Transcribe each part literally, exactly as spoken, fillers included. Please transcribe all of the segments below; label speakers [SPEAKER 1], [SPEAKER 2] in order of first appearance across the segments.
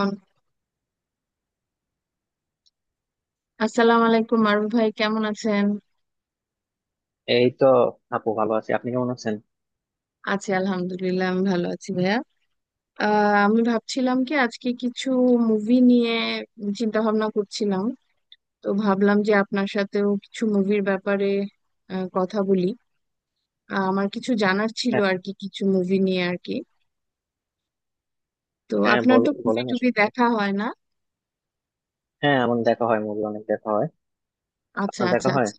[SPEAKER 1] On- আসসালামু আলাইকুম মারুফ ভাই, কেমন আছেন?
[SPEAKER 2] এই তো আপু, ভালো আছি। আপনি কেমন আছেন?
[SPEAKER 1] আছি, আলহামদুলিল্লাহ। আমি ভালো আছি ভাইয়া। আহ, আমি ভাবছিলাম কি আজকে কিছু মুভি নিয়ে চিন্তা ভাবনা করছিলাম। তো ভাবলাম যে আপনার সাথেও কিছু মুভির ব্যাপারে আহ, কথা বলি। আহ, আমার কিছু জানার ছিল
[SPEAKER 2] হ্যাঁ,
[SPEAKER 1] আর কি, কিছু মুভি নিয়ে আর কি। তো
[SPEAKER 2] হ্যাঁ
[SPEAKER 1] আপনার তো
[SPEAKER 2] বল-
[SPEAKER 1] মুভি
[SPEAKER 2] বলেন
[SPEAKER 1] টুভি
[SPEAKER 2] আসলে।
[SPEAKER 1] দেখা হয় না?
[SPEAKER 2] হ্যাঁ, আমার দেখা হয়, মুভি অনেক দেখা হয়।
[SPEAKER 1] আচ্ছা,
[SPEAKER 2] আপনার
[SPEAKER 1] আচ্ছা,
[SPEAKER 2] দেখা হয়?
[SPEAKER 1] আচ্ছা।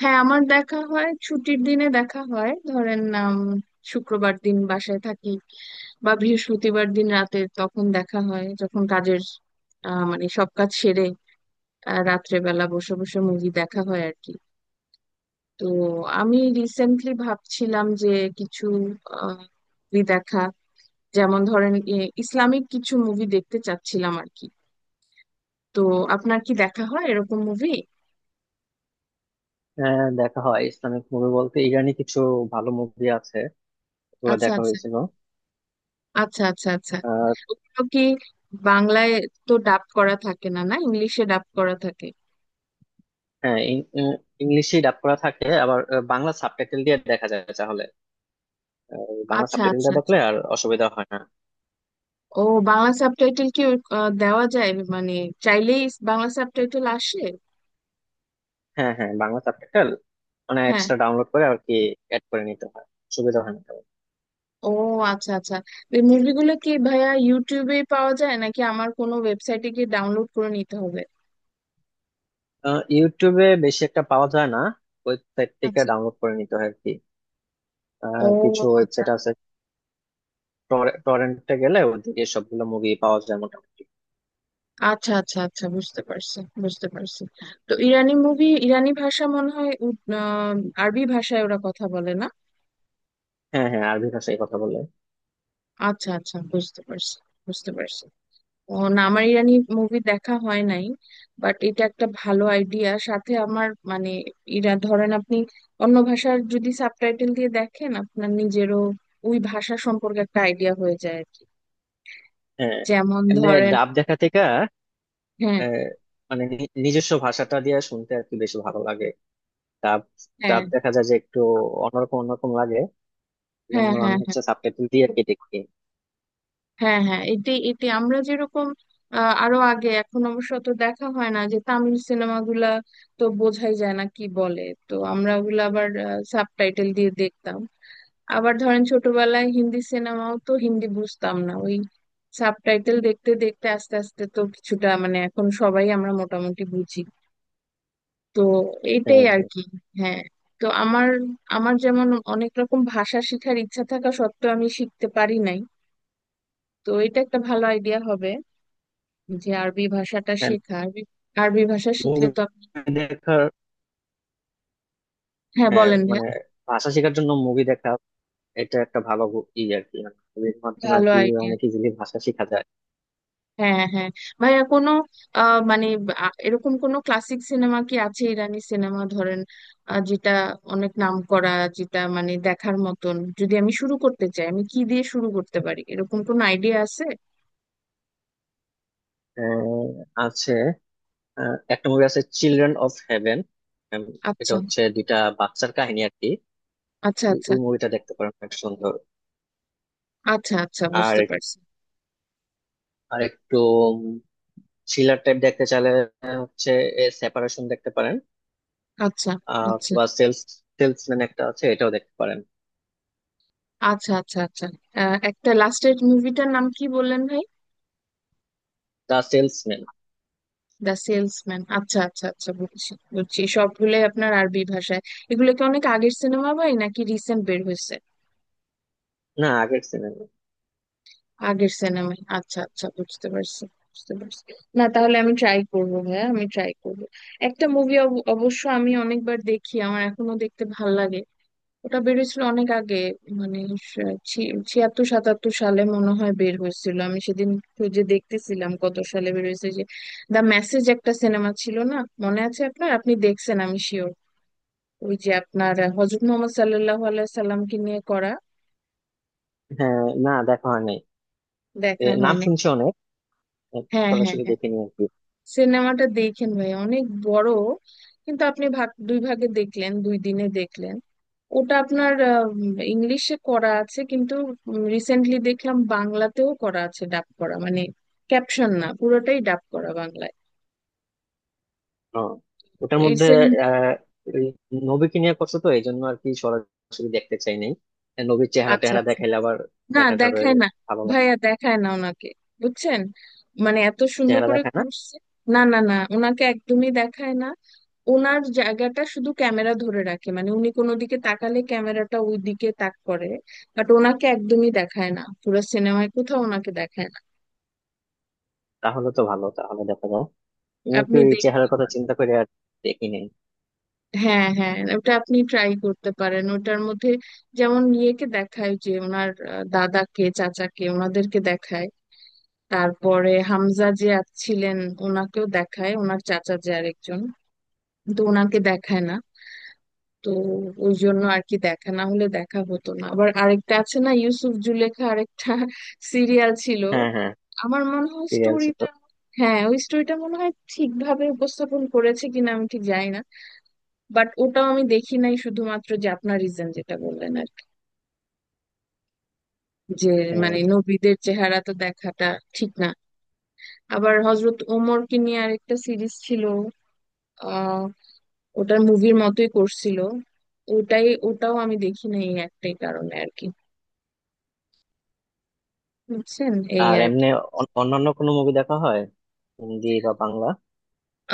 [SPEAKER 1] হ্যাঁ আমার দেখা হয় ছুটির দিনে, দেখা হয় ধরেন উম, শুক্রবার দিন বাসায় থাকি, বা বৃহস্পতিবার দিন রাতে, তখন দেখা হয় যখন কাজের আহ, মানে সব কাজ সেরে আহ, রাত্রেবেলা বসে বসে মুভি দেখা হয় আর কি। তো আমি রিসেন্টলি ভাবছিলাম যে কিছু মুভি দেখা, যেমন ধরেন এ, ইসলামিক কিছু মুভি দেখতে চাচ্ছিলাম আর কি। তো আপনার কি দেখা হয় এরকম মুভি?
[SPEAKER 2] হ্যাঁ, দেখা হয়। ইসলামিক মুভি বলতে ইরানি কিছু ভালো মুভি আছে, ওগুলো
[SPEAKER 1] আচ্ছা,
[SPEAKER 2] দেখা
[SPEAKER 1] আচ্ছা,
[SPEAKER 2] হয়েছিল।
[SPEAKER 1] আচ্ছা, আচ্ছা, আচ্ছা।
[SPEAKER 2] আর
[SPEAKER 1] ওগুলো কি বাংলায় তো ডাব করা থাকে না, না ইংলিশে ডাব করা থাকে?
[SPEAKER 2] হ্যাঁ, ইংলিশে ডাব করা থাকে, আবার আহ, বাংলা সাবটাইটেল দিয়ে দেখা যায় তাহলে। আহ, বাংলা
[SPEAKER 1] আচ্ছা,
[SPEAKER 2] সাবটাইটেল
[SPEAKER 1] আচ্ছা,
[SPEAKER 2] দিয়ে
[SPEAKER 1] আচ্ছা।
[SPEAKER 2] দেখলে আর অসুবিধা হয় না।
[SPEAKER 1] ও, বাংলা সাবটাইটেল কি আহ, দেওয়া যায়, মানে চাইলেই বাংলা সাবটাইটেল আসে?
[SPEAKER 2] হ্যাঁ, হ্যাঁ, বাংলা সাবটাইটেল মানে
[SPEAKER 1] হ্যাঁ।
[SPEAKER 2] এক্সট্রা ডাউনলোড করে আর কি, অ্যাড করে নিতে হয়। সুবিধা হয় না তেমন।
[SPEAKER 1] ও, আচ্ছা, আচ্ছা। এই মুভিগুলো কি ভাইয়া ইউটিউবে পাওয়া যায় নাকি আমার কোনো ওয়েবসাইটে গিয়ে ডাউনলোড করে নিতে হবে?
[SPEAKER 2] আহ, ইউটিউবে বেশি একটা পাওয়া যায় না, ওয়েবসাইট থেকে
[SPEAKER 1] আচ্ছা।
[SPEAKER 2] ডাউনলোড করে নিতে হয়।
[SPEAKER 1] ও,
[SPEAKER 2] আহ, কিছু
[SPEAKER 1] আচ্ছা।
[SPEAKER 2] ওয়েবসাইট আছে। টরেন্টে গেলে ওদিকে সবগুলো মুভি পাওয়া যায় মোটামুটি।
[SPEAKER 1] আচ্ছা, আচ্ছা, আচ্ছা, বুঝতে পারছি, বুঝতে পারছি। তো ইরানি মুভি, ইরানি ভাষা মনে হয় উদ- আহ, আরবি ভাষায় ওরা কথা বলে না?
[SPEAKER 2] হ্যাঁ, হ্যাঁ, আরবি ভাষায় কথা বলে।
[SPEAKER 1] আচ্ছা, আচ্ছা, বুঝতে পারছি, বুঝতে পারছি। ও না, আমার ইরানি মুভি দেখা হয় নাই। বাট এটা একটা ভালো আইডিয়া, সাথে আমার মানে ইরা ধরেন আপনি অন্য ভাষার যদি সাবটাইটেল দিয়ে দেখেন, আপনার নিজেরও ওই ভাষা সম্পর্কে একটা আইডিয়া হয়ে যায় আর কি।
[SPEAKER 2] হ্যাঁ,
[SPEAKER 1] যেমন
[SPEAKER 2] এমনি
[SPEAKER 1] ধরেন,
[SPEAKER 2] ডাব দেখা থেকে
[SPEAKER 1] হ্যাঁ,
[SPEAKER 2] আহ, মানে নি- নিজস্ব ভাষাটা দিয়ে শুনতে আর কি বেশি ভালো লাগে। ডাব,
[SPEAKER 1] হ্যাঁ,
[SPEAKER 2] ডাব দেখা যায় যে একটু অন্যরকম অন্যরকম লাগে,
[SPEAKER 1] হ্যাঁ,
[SPEAKER 2] জন্য আমি
[SPEAKER 1] হ্যাঁ, হ্যাঁ,
[SPEAKER 2] হচ্ছে সাবটাইটেল দিয়ে আর কি দেখি।
[SPEAKER 1] হ্যাঁ, হ্যাঁ এটি এটি আমরা যেরকম আহ, আরো আগে, এখন অবশ্য তো দেখা হয় না, যে তামিল সিনেমাগুলা তো বোঝাই যায় না কি বলে, তো আমরা ওগুলো আবার সাবটাইটেল দিয়ে দেখতাম। আবার ধরেন ছোটবেলায় হিন্দি সিনেমাও, তো হিন্দি বুঝতাম না, ওই সাবটাইটেল দেখতে দেখতে আস্তে আস্তে তো কিছুটা, মানে এখন সবাই আমরা মোটামুটি বুঝি। তো এইটাই
[SPEAKER 2] হ্যাঁ,
[SPEAKER 1] আর কি। হ্যাঁ। তো আমার, আমার যেমন অনেক রকম ভাষা শেখার ইচ্ছা থাকা সত্ত্বেও আমি শিখতে পারি নাই। তো এটা একটা ভালো আইডিয়া হবে যে আরবি ভাষাটা
[SPEAKER 2] হ্যাঁ,
[SPEAKER 1] শেখা, আরবি, আরবি ভাষা শিখলে
[SPEAKER 2] মুভি
[SPEAKER 1] তো।
[SPEAKER 2] দেখার।
[SPEAKER 1] হ্যাঁ
[SPEAKER 2] হ্যাঁ,
[SPEAKER 1] বলেন ভাইয়া।
[SPEAKER 2] মানে ভাষা শেখার জন্য মুভি দেখা, এটা একটা ভালো গু- ই আর কি, মুভির মাধ্যমে আর
[SPEAKER 1] ভালো
[SPEAKER 2] কি
[SPEAKER 1] আইডিয়া।
[SPEAKER 2] অনেক ইজিলি ভাষা শেখা যায়।
[SPEAKER 1] হ্যাঁ, হ্যাঁ। ভাইয়া কোনো আহ, মানে আ- এরকম কোনো ক্লাসিক সিনেমা কি আছে, ইরানি সিনেমা ধরেন আহ, যেটা অনেক নাম করা, যেটা মানে দেখার মতন, যদি আমি শুরু করতে চাই আমি কি দিয়ে শুরু করতে পারি, এরকম কোনো আইডিয়া আছে?
[SPEAKER 2] আহ, আছে। আহ, একটা মুভি আছে, চিলড্রেন অফ হেভেন। এটা
[SPEAKER 1] আচ্ছা,
[SPEAKER 2] হচ্ছে দুইটা বাচ্চার কাহিনী আর কি।
[SPEAKER 1] আচ্ছা,
[SPEAKER 2] ওই
[SPEAKER 1] আচ্ছা,
[SPEAKER 2] ওই মুভিটা দেখতে পারেন, অনেক সুন্দর।
[SPEAKER 1] আচ্ছা, আচ্ছা,
[SPEAKER 2] আর,
[SPEAKER 1] বুঝতে পারছি।
[SPEAKER 2] আর একটু থ্রিলার টাইপ দেখতে চাইলে আহ, হচ্ছে সেপারেশন দেখতে পারেন।
[SPEAKER 1] আচ্ছা,
[SPEAKER 2] আহ,
[SPEAKER 1] আচ্ছা,
[SPEAKER 2] অথবা সেলস, সেলসম্যান একটা আছে, এটাও দেখতে পারেন।
[SPEAKER 1] আচ্ছা, আচ্ছা, আচ্ছা। আহ, একটা লাস্টের মুভিটার নাম কি বললেন ভাই?
[SPEAKER 2] The salesman.
[SPEAKER 1] দ্য সেলসম্যান, আচ্ছা, আচ্ছা, আচ্ছা, বুঝছি, বুঝছি। সবগুলোই আপনার আরবি ভাষায়। এগুলো কি অনেক আগের সিনেমা ভাই, নাকি রিসেন্ট বের হয়েছে?
[SPEAKER 2] না, আগের সিনেমা।
[SPEAKER 1] আগের সিনেমায়, আচ্ছা, আচ্ছা, বুঝতে পারছি, বুঝতে পারছি। না তাহলে আমি ট্রাই করবো ভাইয়া, আমি ট্রাই করবো। একটা মুভি অবশ্য আমি অনেকবার দেখি, আমার এখনো দেখতে ভাল লাগে। ওটা বেরিয়েছিল অনেক আগে, মানে স- ছি- ছিয়াত্তর সাতাত্তর সালে মনে হয় বের হয়েছিল। আমি সেদিন খুঁজে দেখতেছিলাম কত সালে বের হয়েছে যে, দ্য মেসেজ একটা সিনেমা ছিল না? মনে আছে আপনার? আপনি দেখছেন আমি শিওর। ওই যে আপনার হজরত মোহাম্মদ সাল্লাল্লাহু আলাইহি সাল্লামকে নিয়ে করা।
[SPEAKER 2] হ্যাঁ, না দেখা হয় নাই। এ,
[SPEAKER 1] দেখা
[SPEAKER 2] নাম
[SPEAKER 1] হয়নি?
[SPEAKER 2] শুনছি অনেক,
[SPEAKER 1] হ্যাঁ, হ্যাঁ,
[SPEAKER 2] সরাসরি
[SPEAKER 1] হ্যাঁ।
[SPEAKER 2] দেখিনি আর কি।
[SPEAKER 1] সিনেমাটা দেখেন ভাই, অনেক বড় কিন্তু, আপনি ভাগ দুই ভাগে দেখলেন, দুই দিনে দেখলেন। ওটা আপনার ইংলিশে করা আছে কিন্তু রিসেন্টলি দেখলাম বাংলাতেও করা আছে, ডাব করা, মানে ক্যাপশন না, পুরোটাই ডাব করা বাংলায়।
[SPEAKER 2] ও, ওটার
[SPEAKER 1] এই
[SPEAKER 2] মধ্যে
[SPEAKER 1] সিনেমা
[SPEAKER 2] আহ, ওই নবীকে নিয়ে করছে, তো এই জন্য আর কি সরাসরি দেখতে চাই নাই। আর নবীর চেহারা
[SPEAKER 1] আচ্ছা,
[SPEAKER 2] টেহারা
[SPEAKER 1] আচ্ছা।
[SPEAKER 2] দেখাইলে আবার
[SPEAKER 1] না
[SPEAKER 2] দেখা যাবে,
[SPEAKER 1] দেখায় না
[SPEAKER 2] ভালো লাগে।
[SPEAKER 1] ভাইয়া, দেখায় না ওনাকে, বুঝছেন? মানে এত সুন্দর
[SPEAKER 2] চেহারা
[SPEAKER 1] করে
[SPEAKER 2] দেখায় না?
[SPEAKER 1] করছে, না না না, ওনাকে একদমই দেখায় না। ওনার জায়গাটা শুধু ক্যামেরা ধরে রাখে, মানে উনি কোনো দিকে তাকালে ক্যামেরাটা ওই দিকে তাক করে, বাট ওনাকে একদমই দেখায় না, পুরো সিনেমায় কোথাও ওনাকে দেখায় না।
[SPEAKER 2] তাহলে তো ভালো, তাহলে দেখা যাও। তোমার কি
[SPEAKER 1] আপনি
[SPEAKER 2] ওই
[SPEAKER 1] দেখতে
[SPEAKER 2] চেহারার কথা
[SPEAKER 1] পারেন।
[SPEAKER 2] চিন্তা করে আর দেখি নাই।
[SPEAKER 1] হ্যাঁ, হ্যাঁ ওটা আপনি ট্রাই করতে পারেন। ওটার মধ্যে যেমন ইয়েকে দেখায় যে ওনার আহ, দাদাকে, চাচাকে, ওনাদেরকে দেখায়। তারপরে হামজা যে আ- ছিলেন, ওনাকেও দেখায়, ওনার চাচা যে আরেকজন, কিন্তু ওনাকে দেখায় না। তো ওই জন্য আর কি, দেখা না হলে দেখা হতো না। আবার আরেকটা আছে না, ইউসুফ জুলেখা আরেকটা সিরিয়াল ছিল।
[SPEAKER 2] হ্যাঁ, হ্যাঁ,
[SPEAKER 1] আমার মনে হয়
[SPEAKER 2] সিরিয়াল ছিল।
[SPEAKER 1] স্টোরিটা, হ্যাঁ ওই স্টোরিটা মনে হয় ঠিকভাবে উপস্থাপন করেছে কিনা আমি ঠিক জানি না। বাট ওটাও আমি দেখি নাই, শুধুমাত্র যে আপনার রিজন যেটা বললেন আর কি, যে
[SPEAKER 2] হ্যাঁ।
[SPEAKER 1] মানে নবীদের চেহারা তো দেখাটা ঠিক না। আবার হজরত ওমরকে নিয়ে আরেকটা সিরিজ ছিল, আহ ওটার মুভির মতোই করছিল, ওটাই, ওটাও আমি দেখি না এই একটাই কারণে আর কি, বুঝছেন। এই
[SPEAKER 2] আর
[SPEAKER 1] আর কি।
[SPEAKER 2] এমনি অন- অন্যান্য কোনো মুভি দেখা হয়, হিন্দি বা বাংলা?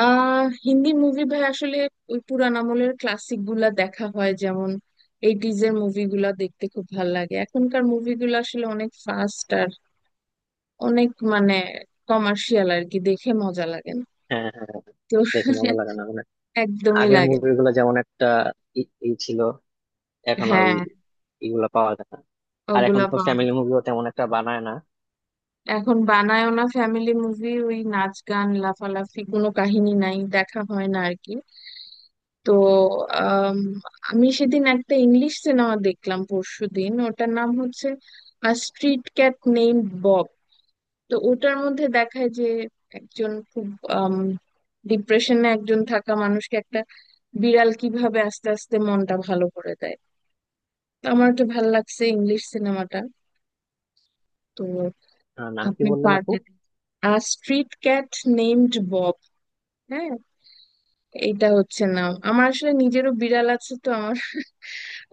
[SPEAKER 1] আহ হিন্দি মুভি ভাই আসলে ওই পুরান আমলের ক্লাসিক গুলা দেখা হয়, যেমন এইটিজ এর মুভিগুলা দেখতে খুব ভাল লাগে। এখনকার মুভিগুলো আসলে অনেক ফাস্ট আর অনেক মানে কমার্শিয়াল আর কি, দেখে মজা লাগে না।
[SPEAKER 2] হ্যাঁ, হ্যাঁ, হ্যাঁ,
[SPEAKER 1] তো
[SPEAKER 2] দেখে মজা লাগে না মানে।
[SPEAKER 1] একদমই
[SPEAKER 2] আগের
[SPEAKER 1] লাগে না।
[SPEAKER 2] মুভিগুলো যেমন একটা ই, ই ছিল, এখন আর
[SPEAKER 1] হ্যাঁ
[SPEAKER 2] ওই- এগুলা পাওয়া যায় না। আর এখন
[SPEAKER 1] ওগুলা
[SPEAKER 2] তো
[SPEAKER 1] পাওয়া,
[SPEAKER 2] ফ্যামিলি মুভিও তেমন একটা বানায় না।
[SPEAKER 1] এখন বানায়ও না ফ্যামিলি মুভি, ওই নাচ গান লাফালাফি কোনো কাহিনী নাই, দেখা হয় না আর কি। তো আম, আমি সেদিন একটা ইংলিশ সিনেমা দেখলাম পরশুদিন, ওটার নাম হচ্ছে স্ট্রিট ক্যাট নেম বব। তো ওটার মধ্যে দেখায় যে একজন খুব ডিপ্রেশনে একজন থাকা মানুষকে একটা বিড়াল কিভাবে আস্তে আস্তে মনটা ভালো করে দেয়। তো আমার একটু ভালো লাগছে ইংলিশ সিনেমাটা। তো
[SPEAKER 2] আহ, নাম কি
[SPEAKER 1] আপনি
[SPEAKER 2] বললেন আপু?
[SPEAKER 1] পারবেন, আর স্ট্রিট ক্যাট নেমড বব। হ্যাঁ, এইটা হচ্ছে না, আমার আসলে নিজেরও বিড়াল আছে, তো আমার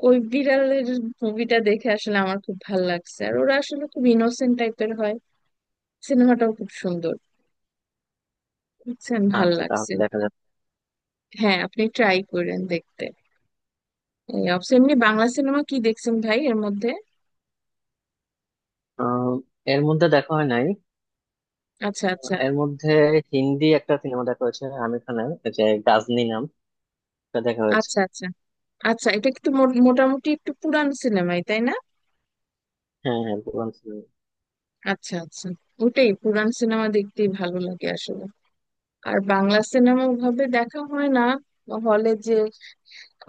[SPEAKER 1] ওই বিড়ালের মুভিটা দেখে আসলে আমার খুব ভাল লাগছে। আর ওরা আসলে খুব ইনোসেন্ট টাইপের হয়, সিনেমাটাও খুব সুন্দর, বুঝছেন, ভাল
[SPEAKER 2] আচ্ছা,
[SPEAKER 1] লাগছে।
[SPEAKER 2] তাহলে দেখা যাক।
[SPEAKER 1] হ্যাঁ আপনি ট্রাই করেন দেখতে। এই অবশ্য এমনি বাংলা সিনেমা কি দেখছেন ভাই এর মধ্যে?
[SPEAKER 2] আহ, এর মধ্যে দেখা হয় নাই।
[SPEAKER 1] আচ্ছা, আচ্ছা,
[SPEAKER 2] এর মধ্যে হিন্দি একটা সিনেমা দেখা হয়েছে আমির খানের, যে গাজনি নাম, এটা দেখা হয়েছে।
[SPEAKER 1] আচ্ছা, আচ্ছা, আচ্ছা। এটা একটু মো- মোটামুটি একটু পুরান সিনেমাই তাই না?
[SPEAKER 2] হ্যাঁ, হ্যাঁ, পুরান সিনেমা।
[SPEAKER 1] আচ্ছা, আচ্ছা। ওটাই, পুরান সিনেমা দেখতেই ভালো লাগে আসলে। আর বাংলা সিনেমা ওভাবে দেখা হয় না, হলে যে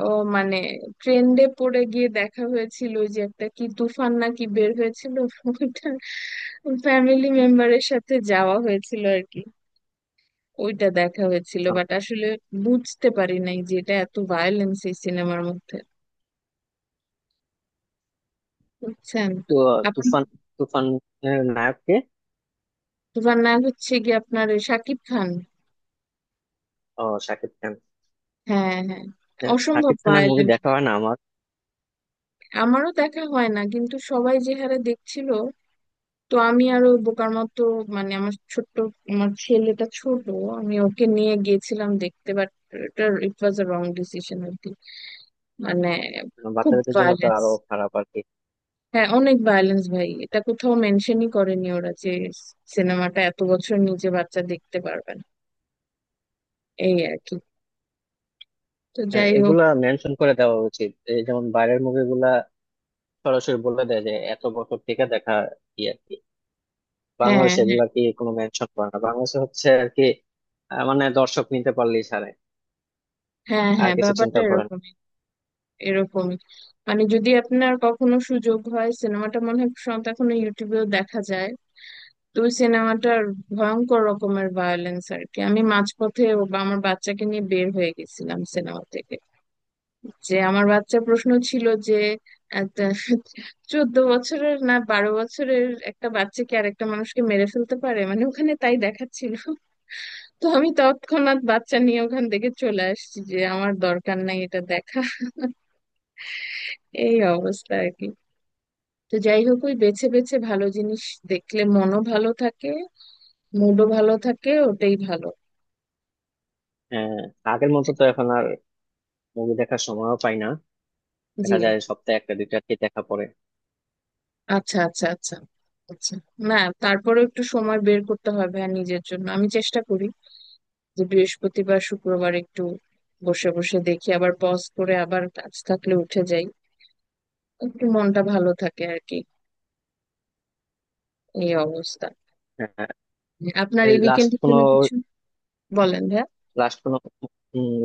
[SPEAKER 1] ও মানে ট্রেন্ডে পড়ে গিয়ে দেখা হয়েছিল, ওই যে একটা কি তুফান নাকি বের হয়েছিল, ওইটা ফ্যামিলি মেম্বারের সাথে যাওয়া হয়েছিল আর কি, ওইটা দেখা হয়েছিল।
[SPEAKER 2] আহ,
[SPEAKER 1] বাট আসলে বুঝতে পারি নাই যে এটা এত ভায়োলেন্স এই সিনেমার মধ্যে, বুঝছেন।
[SPEAKER 2] তো
[SPEAKER 1] আপনি,
[SPEAKER 2] তুফান, তুফান এর নায়ক কে?
[SPEAKER 1] তুফান নায়ক হচ্ছে কি আপনার ওই শাকিব খান।
[SPEAKER 2] ও, শাকিব খান।
[SPEAKER 1] হ্যাঁ, হ্যাঁ।
[SPEAKER 2] হ্যাঁ,
[SPEAKER 1] অসম্ভব
[SPEAKER 2] শাকিব খানের মুভি
[SPEAKER 1] ভায়োলেন্স,
[SPEAKER 2] দেখা হয় না আমার।
[SPEAKER 1] আমারও দেখা হয় না কিন্তু সবাই যে হারে দেখছিল, তো আমি আরো বোকার মতো, মানে আমার ছোট্ট, আমার ছেলেটা ছোট, আমি ওকে নিয়ে গিয়েছিলাম দেখতে, বাট এটা ইট ওয়াজ আ রং ডিসিশন আর কি, মানে খুব
[SPEAKER 2] বাচ্চাদের জন্য তো
[SPEAKER 1] ভায়োলেন্স।
[SPEAKER 2] আরো খারাপ আর কি।
[SPEAKER 1] হ্যাঁ অনেক ভায়োলেন্স ভাই, এটা কোথাও মেনশনই করেনি ওরা যে সিনেমাটা এত বছর নিচে বাচ্চা দেখতে পারবে না, এই আর কি। তো
[SPEAKER 2] হ্যাঁ,
[SPEAKER 1] যাই হোক।
[SPEAKER 2] এগুলা মেনশন করে দেওয়া উচিত। এই যেমন বাইরের মুভিগুলা সরাসরি বলে দেয় যে এত বছর থেকে দেখা, ইয়ে, বাংলাদেশে
[SPEAKER 1] হ্যাঁ,
[SPEAKER 2] এগুলা কি কোনো মেনশন করে না? বাংলাদেশে হচ্ছে আর কি আহ, মানে দর্শক নিতে পারলেই ছাড়ে।
[SPEAKER 1] হ্যাঁ,
[SPEAKER 2] আর
[SPEAKER 1] হ্যাঁ,
[SPEAKER 2] কিছু
[SPEAKER 1] ব্যাপারটা
[SPEAKER 2] চিন্তা করেন।
[SPEAKER 1] এরকমই, এরকমই। মানে যদি আপনার কখনো সুযোগ হয়, সিনেমাটা মনে হয় সম্ভবত এখনো ইউটিউবেও দেখা যায়, দুই সিনেমাটার ভয়ঙ্কর রকমের ভায়োলেন্স আর কি। আমি মাঝপথে ও বা আমার বাচ্চাকে নিয়ে বের হয়ে গেছিলাম সিনেমা থেকে, যে আমার বাচ্চা প্রশ্ন ছিল যে একটা চোদ্দ বছরের, না বারো বছরের একটা বাচ্চাকে আর একটা মানুষকে মেরে ফেলতে পারে, মানে ওখানে তাই দেখাচ্ছিল। তো আমি তৎক্ষণাৎ বাচ্চা নিয়ে ওখান থেকে চলে আসছি, যে আমার দরকার নাই এটা দেখা। এই অবস্থা আর কি। তো যাই হোক, ওই বেছে বেছে ভালো জিনিস দেখলে মনও ভালো থাকে, মুডও ভালো থাকে, ওটাই ভালো।
[SPEAKER 2] আহ, আগের মতো তো এখন আর মুভি দেখার সময়ও পাই না।
[SPEAKER 1] জি।
[SPEAKER 2] দেখা যায় সপ্তাহে একটা দুইটা কি দেখা পড়ে।
[SPEAKER 1] আচ্ছা, আচ্ছা, আচ্ছা, আচ্ছা। না তারপরেও একটু সময় বের করতে হবে আর নিজের জন্য, আমি চেষ্টা করি যে বৃহস্পতিবার শুক্রবার একটু বসে বসে দেখি, আবার পজ করে আবার কাজ থাকলে উঠে যাই, একটু মনটা ভালো থাকে আর কি। এই অবস্থা।
[SPEAKER 2] আহ,
[SPEAKER 1] আপনার
[SPEAKER 2] এই
[SPEAKER 1] এই
[SPEAKER 2] লাস্ট
[SPEAKER 1] উইকেন্ডের
[SPEAKER 2] কোনো,
[SPEAKER 1] জন্য কিছু? বলেন ভাইয়া।
[SPEAKER 2] লাস্ট কোনো,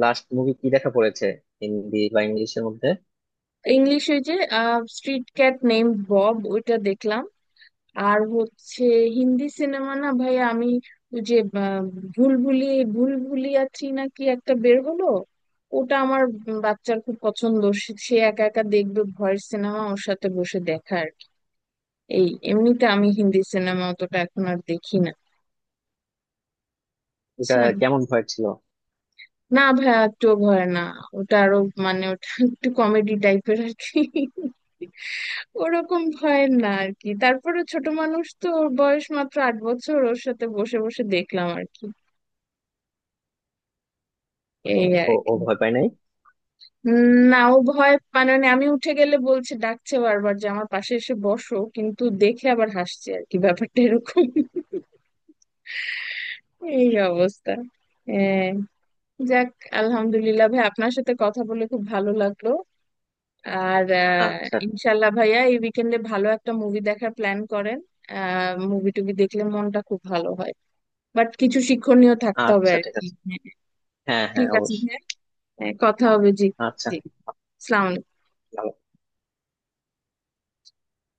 [SPEAKER 2] লাস্ট মুভি কি দেখা পড়েছে হিন্দি বা ইংলিশের মধ্যে?
[SPEAKER 1] ইংলিশে যে স্ট্রিট ক্যাট নেম বব, ওইটা দেখলাম। আর হচ্ছে হিন্দি সিনেমা, না ভাই আমি ওই যে আহ, ভুলভুলি ভুলভুলিয়া থ্রি না কি একটা বের হলো, ওটা আমার বাচ্চার খুব পছন্দ, সে সে একা একা দেখবে ভয়ের সিনেমা, ওর সাথে বসে দেখা আর কি। এই এমনিতে আমি হিন্দি সিনেমা অতটা এখন আর দেখি না,
[SPEAKER 2] এটা
[SPEAKER 1] বুঝছেন।
[SPEAKER 2] কেমন ভয় ছিল?
[SPEAKER 1] না ভাই একটু ভয় না, ওটা আরো মানে ওটা একটু কমেডি টাইপের আর কি, ওরকম ভয়ের না আর কি। তারপরে ছোট মানুষ তো, ওর বয়স মাত্র আট বছর, ওর সাথে বসে বসে দেখলাম আর কি। এই
[SPEAKER 2] আহ,
[SPEAKER 1] আর
[SPEAKER 2] ও ও
[SPEAKER 1] কি।
[SPEAKER 2] ভয় পায় নাই?
[SPEAKER 1] উম, না ও ভয় পায়, মানে আমি উঠে গেলে বলছে, ডাকছে বারবার যে আমার পাশে এসে বসো, কিন্তু দেখে আবার হাসছে আর কি, ব্যাপারটা এরকম। এই অবস্থা। হ্যাঁ। যাক, আলহামদুলিল্লাহ ভাই, আপনার সাথে কথা বলে খুব ভালো লাগলো। আর আহ,
[SPEAKER 2] আচ্ছা।
[SPEAKER 1] ইনশাল্লাহ ভাইয়া এই উইকেন্ডে ভালো একটা মুভি দেখার প্ল্যান করেন। আহ মুভি টুভি দেখলে মনটা খুব ভালো হয়, বাট কিছু শিক্ষণীয় থাকতে হবে
[SPEAKER 2] আচ্ছা,
[SPEAKER 1] আর
[SPEAKER 2] ঠিক
[SPEAKER 1] কি।
[SPEAKER 2] আছে।
[SPEAKER 1] হ্যাঁ।
[SPEAKER 2] হ্যাঁ, হ্যাঁ,
[SPEAKER 1] ঠিক আছে,
[SPEAKER 2] অবশ্যই।
[SPEAKER 1] হ্যাঁ, হ্যাঁ, কথা হবে, জি।
[SPEAKER 2] আচ্ছা।
[SPEAKER 1] জি। সালাম।
[SPEAKER 2] ভালো